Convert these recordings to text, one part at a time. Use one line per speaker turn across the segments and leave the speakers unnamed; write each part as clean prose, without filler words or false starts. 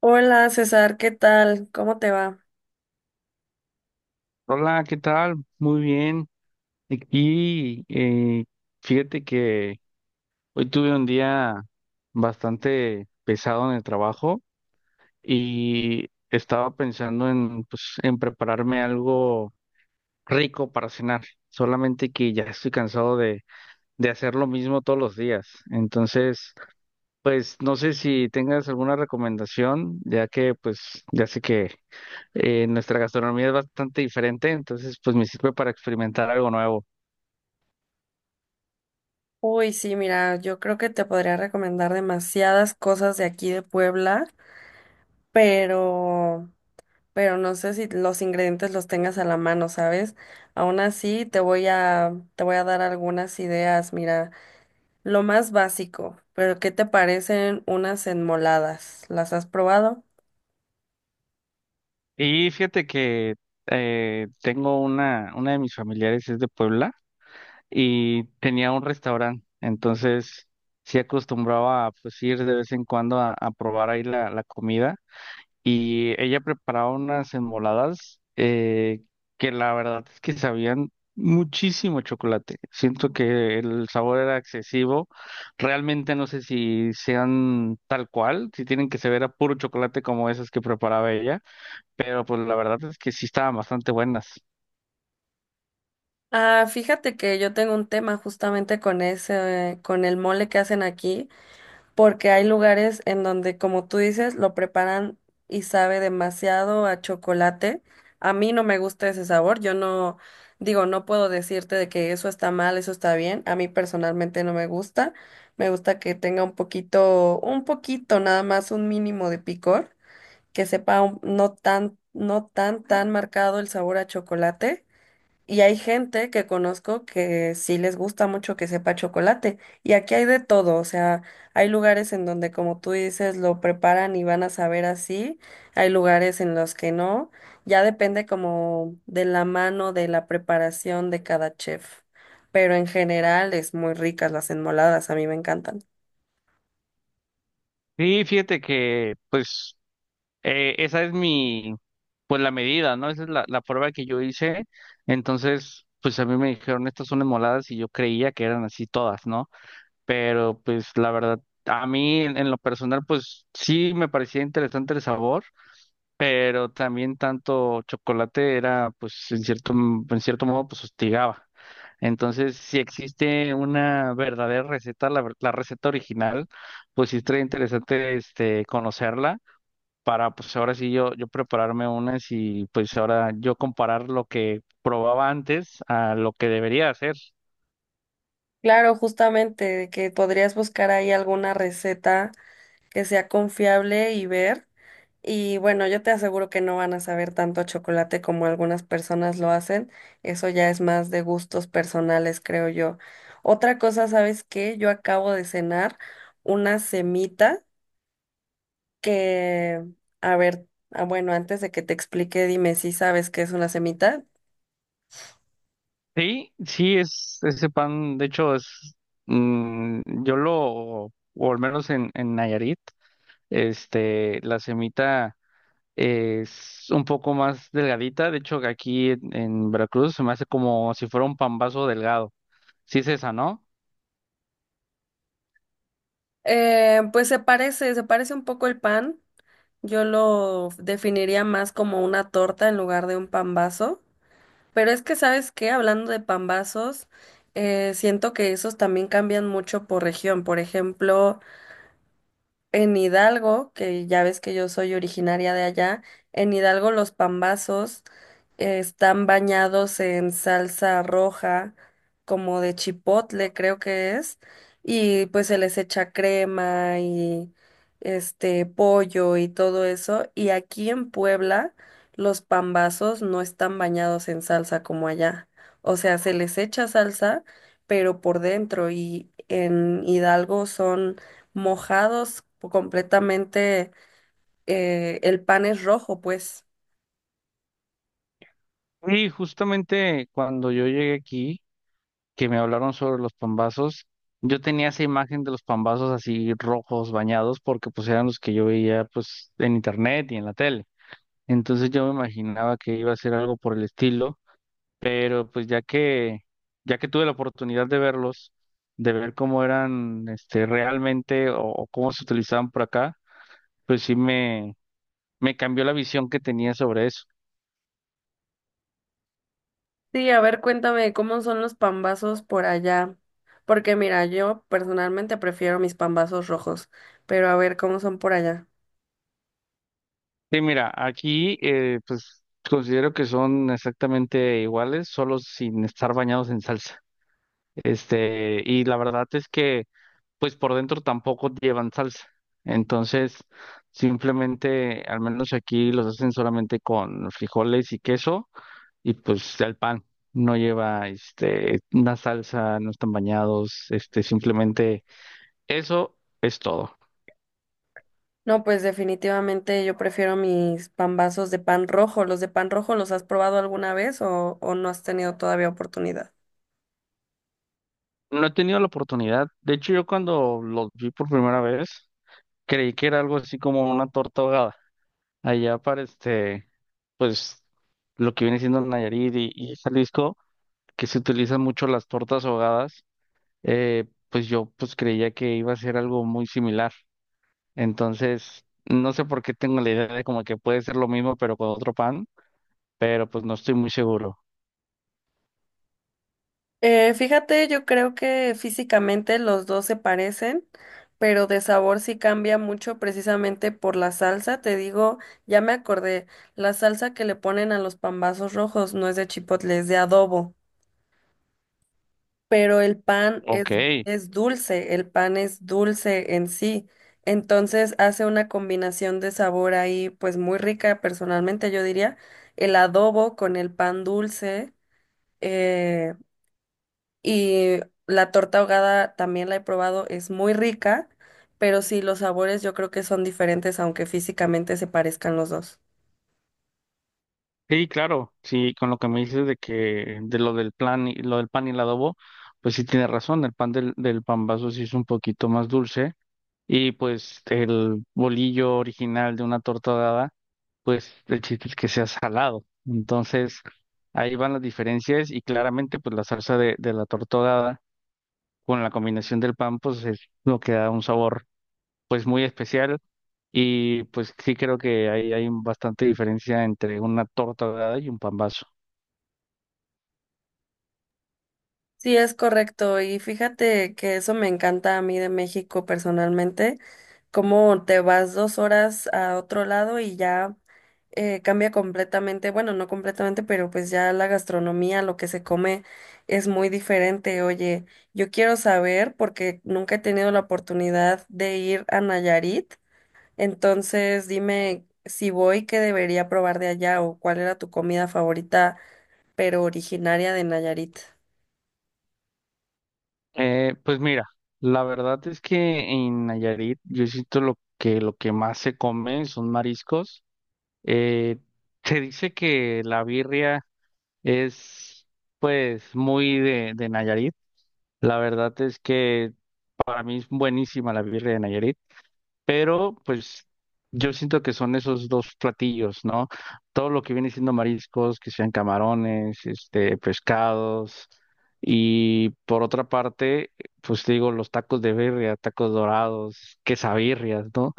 Hola César, ¿qué tal? ¿Cómo te va?
Hola, ¿qué tal? Muy bien. Aquí, fíjate que hoy tuve un día bastante pesado en el trabajo y estaba pensando en, pues, en prepararme algo rico para cenar, solamente que ya estoy cansado de hacer lo mismo todos los días. Entonces, pues no sé si tengas alguna recomendación, ya que pues ya sé que nuestra gastronomía es bastante diferente, entonces pues me sirve para experimentar algo nuevo.
Uy, sí, mira, yo creo que te podría recomendar demasiadas cosas de aquí de Puebla, pero, pero no sé si los ingredientes los tengas a la mano, ¿sabes? Aún así, te voy a dar algunas ideas. Mira, lo más básico, pero ¿qué te parecen unas enmoladas? ¿Las has probado?
Y fíjate que tengo una de mis familiares es de Puebla y tenía un restaurante, entonces sí acostumbraba a pues, ir de vez en cuando a probar ahí la comida y ella preparaba unas enmoladas que la verdad es que sabían muchísimo chocolate. Siento que el sabor era excesivo, realmente no sé si sean tal cual, si tienen que saber a puro chocolate como esas que preparaba ella, pero pues la verdad es que sí estaban bastante buenas.
Ah, fíjate que yo tengo un tema justamente con ese, con el mole que hacen aquí, porque hay lugares en donde, como tú dices, lo preparan y sabe demasiado a chocolate. A mí no me gusta ese sabor, yo no, digo, no puedo decirte de que eso está mal, eso está bien, a mí personalmente no me gusta. Me gusta que tenga un poquito nada más, un mínimo de picor, que sepa no tan marcado el sabor a chocolate, y hay gente que conozco que sí les gusta mucho que sepa chocolate. Y aquí hay de todo, o sea, hay lugares en donde, como tú dices, lo preparan y van a saber así. Hay lugares en los que no. Ya depende como de la mano, de la preparación de cada chef. Pero en general es muy ricas las enmoladas, a mí me encantan.
Sí, fíjate que pues esa es mi, pues la medida, ¿no? Esa es la prueba que yo hice. Entonces, pues a mí me dijeron, estas son moladas y yo creía que eran así todas, ¿no? Pero pues la verdad, a mí en lo personal, pues sí me parecía interesante el sabor, pero también tanto chocolate era, pues, en cierto, en cierto modo, pues, hostigaba. Entonces, si existe una verdadera receta, la receta original, pues sí estaría interesante este, conocerla para, pues ahora sí yo prepararme unas y pues ahora yo comparar lo que probaba antes a lo que debería hacer.
Claro, justamente, de que podrías buscar ahí alguna receta que sea confiable y ver. Y bueno, yo te aseguro que no van a saber tanto a chocolate como algunas personas lo hacen. Eso ya es más de gustos personales, creo yo. Otra cosa, ¿sabes qué? Yo acabo de cenar una semita que, a ver, ah, bueno, antes de que te explique, dime si sabes qué es una semita.
Sí, sí, es ese pan, de hecho, es, yo lo, o al menos en Nayarit, este, la semita es un poco más delgadita. De hecho, que aquí en Veracruz se me hace como si fuera un pambazo delgado. Sí es esa, ¿no?
Pues se parece un poco el pan. Yo lo definiría más como una torta en lugar de un pan vaso. Pero es que, ¿sabes qué? Hablando de pambazos, siento que esos también cambian mucho por región. Por ejemplo, en Hidalgo, que ya ves que yo soy originaria de allá, en Hidalgo los pambazos están bañados en salsa roja, como de chipotle, creo que es, y pues se les echa crema y este pollo y todo eso. Y aquí en Puebla, los pambazos no están bañados en salsa como allá. O sea, se les echa salsa, pero por dentro, y en Hidalgo son mojados completamente, el pan es rojo, pues.
Y justamente cuando yo llegué aquí, que me hablaron sobre los pambazos, yo tenía esa imagen de los pambazos así rojos, bañados, porque pues eran los que yo veía pues en internet y en la tele. Entonces yo me imaginaba que iba a ser algo por el estilo, pero pues ya que tuve la oportunidad de verlos, de ver cómo eran este realmente o cómo se utilizaban por acá, pues sí me cambió la visión que tenía sobre eso.
Sí, a ver, cuéntame cómo son los pambazos por allá. Porque mira, yo personalmente prefiero mis pambazos rojos, pero a ver cómo son por allá.
Sí, mira, aquí pues considero que son exactamente iguales, solo sin estar bañados en salsa. Este, y la verdad es que pues por dentro tampoco llevan salsa. Entonces, simplemente, al menos aquí los hacen solamente con frijoles y queso y pues el pan no lleva este una salsa, no están bañados, este simplemente eso es todo.
No, pues definitivamente yo prefiero mis pambazos de pan rojo. ¿Los de pan rojo los has probado alguna vez o no has tenido todavía oportunidad?
No he tenido la oportunidad, de hecho yo cuando los vi por primera vez creí que era algo así como una torta ahogada allá para este pues lo que viene siendo Nayarit y Jalisco, que se utilizan mucho las tortas ahogadas, pues yo pues creía que iba a ser algo muy similar. Entonces, no sé por qué tengo la idea de como que puede ser lo mismo, pero con otro pan, pero pues no estoy muy seguro.
Fíjate, yo creo que físicamente los dos se parecen, pero de sabor sí cambia mucho precisamente por la salsa. Te digo, ya me acordé, la salsa que le ponen a los pambazos rojos no es de chipotle, es de adobo, pero
Ok,
es dulce, el pan es dulce en sí. Entonces hace una combinación de sabor ahí, pues muy rica, personalmente yo diría, el adobo con el pan dulce. Eh, Y la torta ahogada también la he probado, es muy rica, pero sí, los sabores yo creo que son diferentes, aunque físicamente se parezcan los dos.
sí, claro, sí, con lo que me dices de que de lo del plan y lo del pan y el adobo, pues sí tienes razón, el pan del vaso sí es un poquito más dulce y pues el bolillo original de una torta ahogada, el chiste es que sea salado. Entonces, ahí van las diferencias y claramente pues la salsa de la torta ahogada con la combinación del pan, pues es lo que da un sabor pues muy especial y pues sí creo que ahí hay bastante diferencia entre una torta ahogada y un pambazo.
Sí, es correcto. Y fíjate que eso me encanta a mí de México personalmente, cómo te vas dos horas a otro lado y ya cambia completamente, bueno, no completamente, pero pues ya la gastronomía, lo que se come es muy diferente. Oye, yo quiero saber, porque nunca he tenido la oportunidad de ir a Nayarit. Entonces, dime si voy, ¿qué debería probar de allá o cuál era tu comida favorita, pero originaria de Nayarit?
Pues mira, la verdad es que en Nayarit yo siento lo que más se come son mariscos. Eh, se dice que la birria es pues muy de Nayarit. La verdad es que a mí es buenísima la birria de Nayarit. Pero pues yo siento que son esos dos platillos, ¿no? Todo lo que viene siendo mariscos, que sean camarones, este, pescados. Y por otra parte, pues te digo, los tacos de birria, tacos dorados, quesabirrias, ¿no?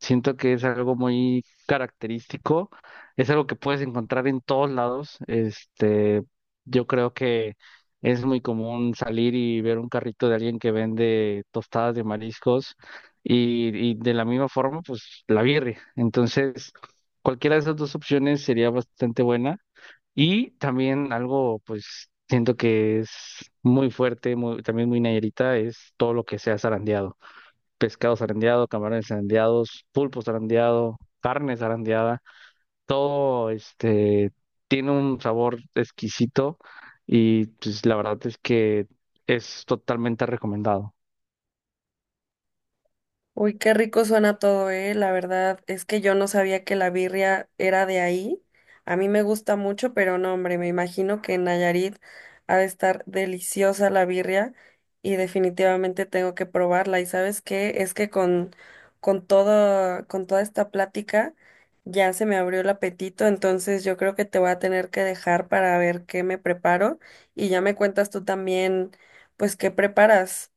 Siento que es algo muy característico, es algo que puedes encontrar en todos lados. Este, yo creo que es muy común salir y ver un carrito de alguien que vende tostadas de mariscos y de la misma forma, pues la birria. Entonces, cualquiera de esas dos opciones sería bastante buena y también algo, pues siento que es muy fuerte, muy, también muy nayarita, es todo lo que sea zarandeado, pescado zarandeado, camarones zarandeados, pulpo zarandeado, carne zarandeada, todo este tiene un sabor exquisito y pues la verdad es que es totalmente recomendado.
Uy, qué rico suena todo, eh. La verdad es que yo no sabía que la birria era de ahí. A mí me gusta mucho, pero no, hombre, me imagino que en Nayarit ha de estar deliciosa la birria y definitivamente tengo que probarla. ¿Y sabes qué? Es que con toda esta plática ya se me abrió el apetito, entonces yo creo que te voy a tener que dejar para ver qué me preparo y ya me cuentas tú también, pues qué preparas.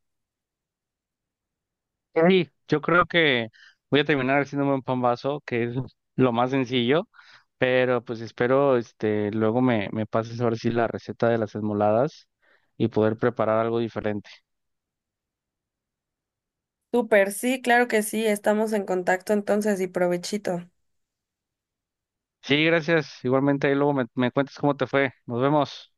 Sí, yo creo que voy a terminar haciéndome un pan vaso, que es lo más sencillo, pero pues espero este luego me pases ahora sí la receta de las esmoladas y poder preparar algo diferente.
Súper, sí, claro que sí, estamos en contacto entonces y provechito.
Sí, gracias. Igualmente ahí luego me cuentas cómo te fue. Nos vemos.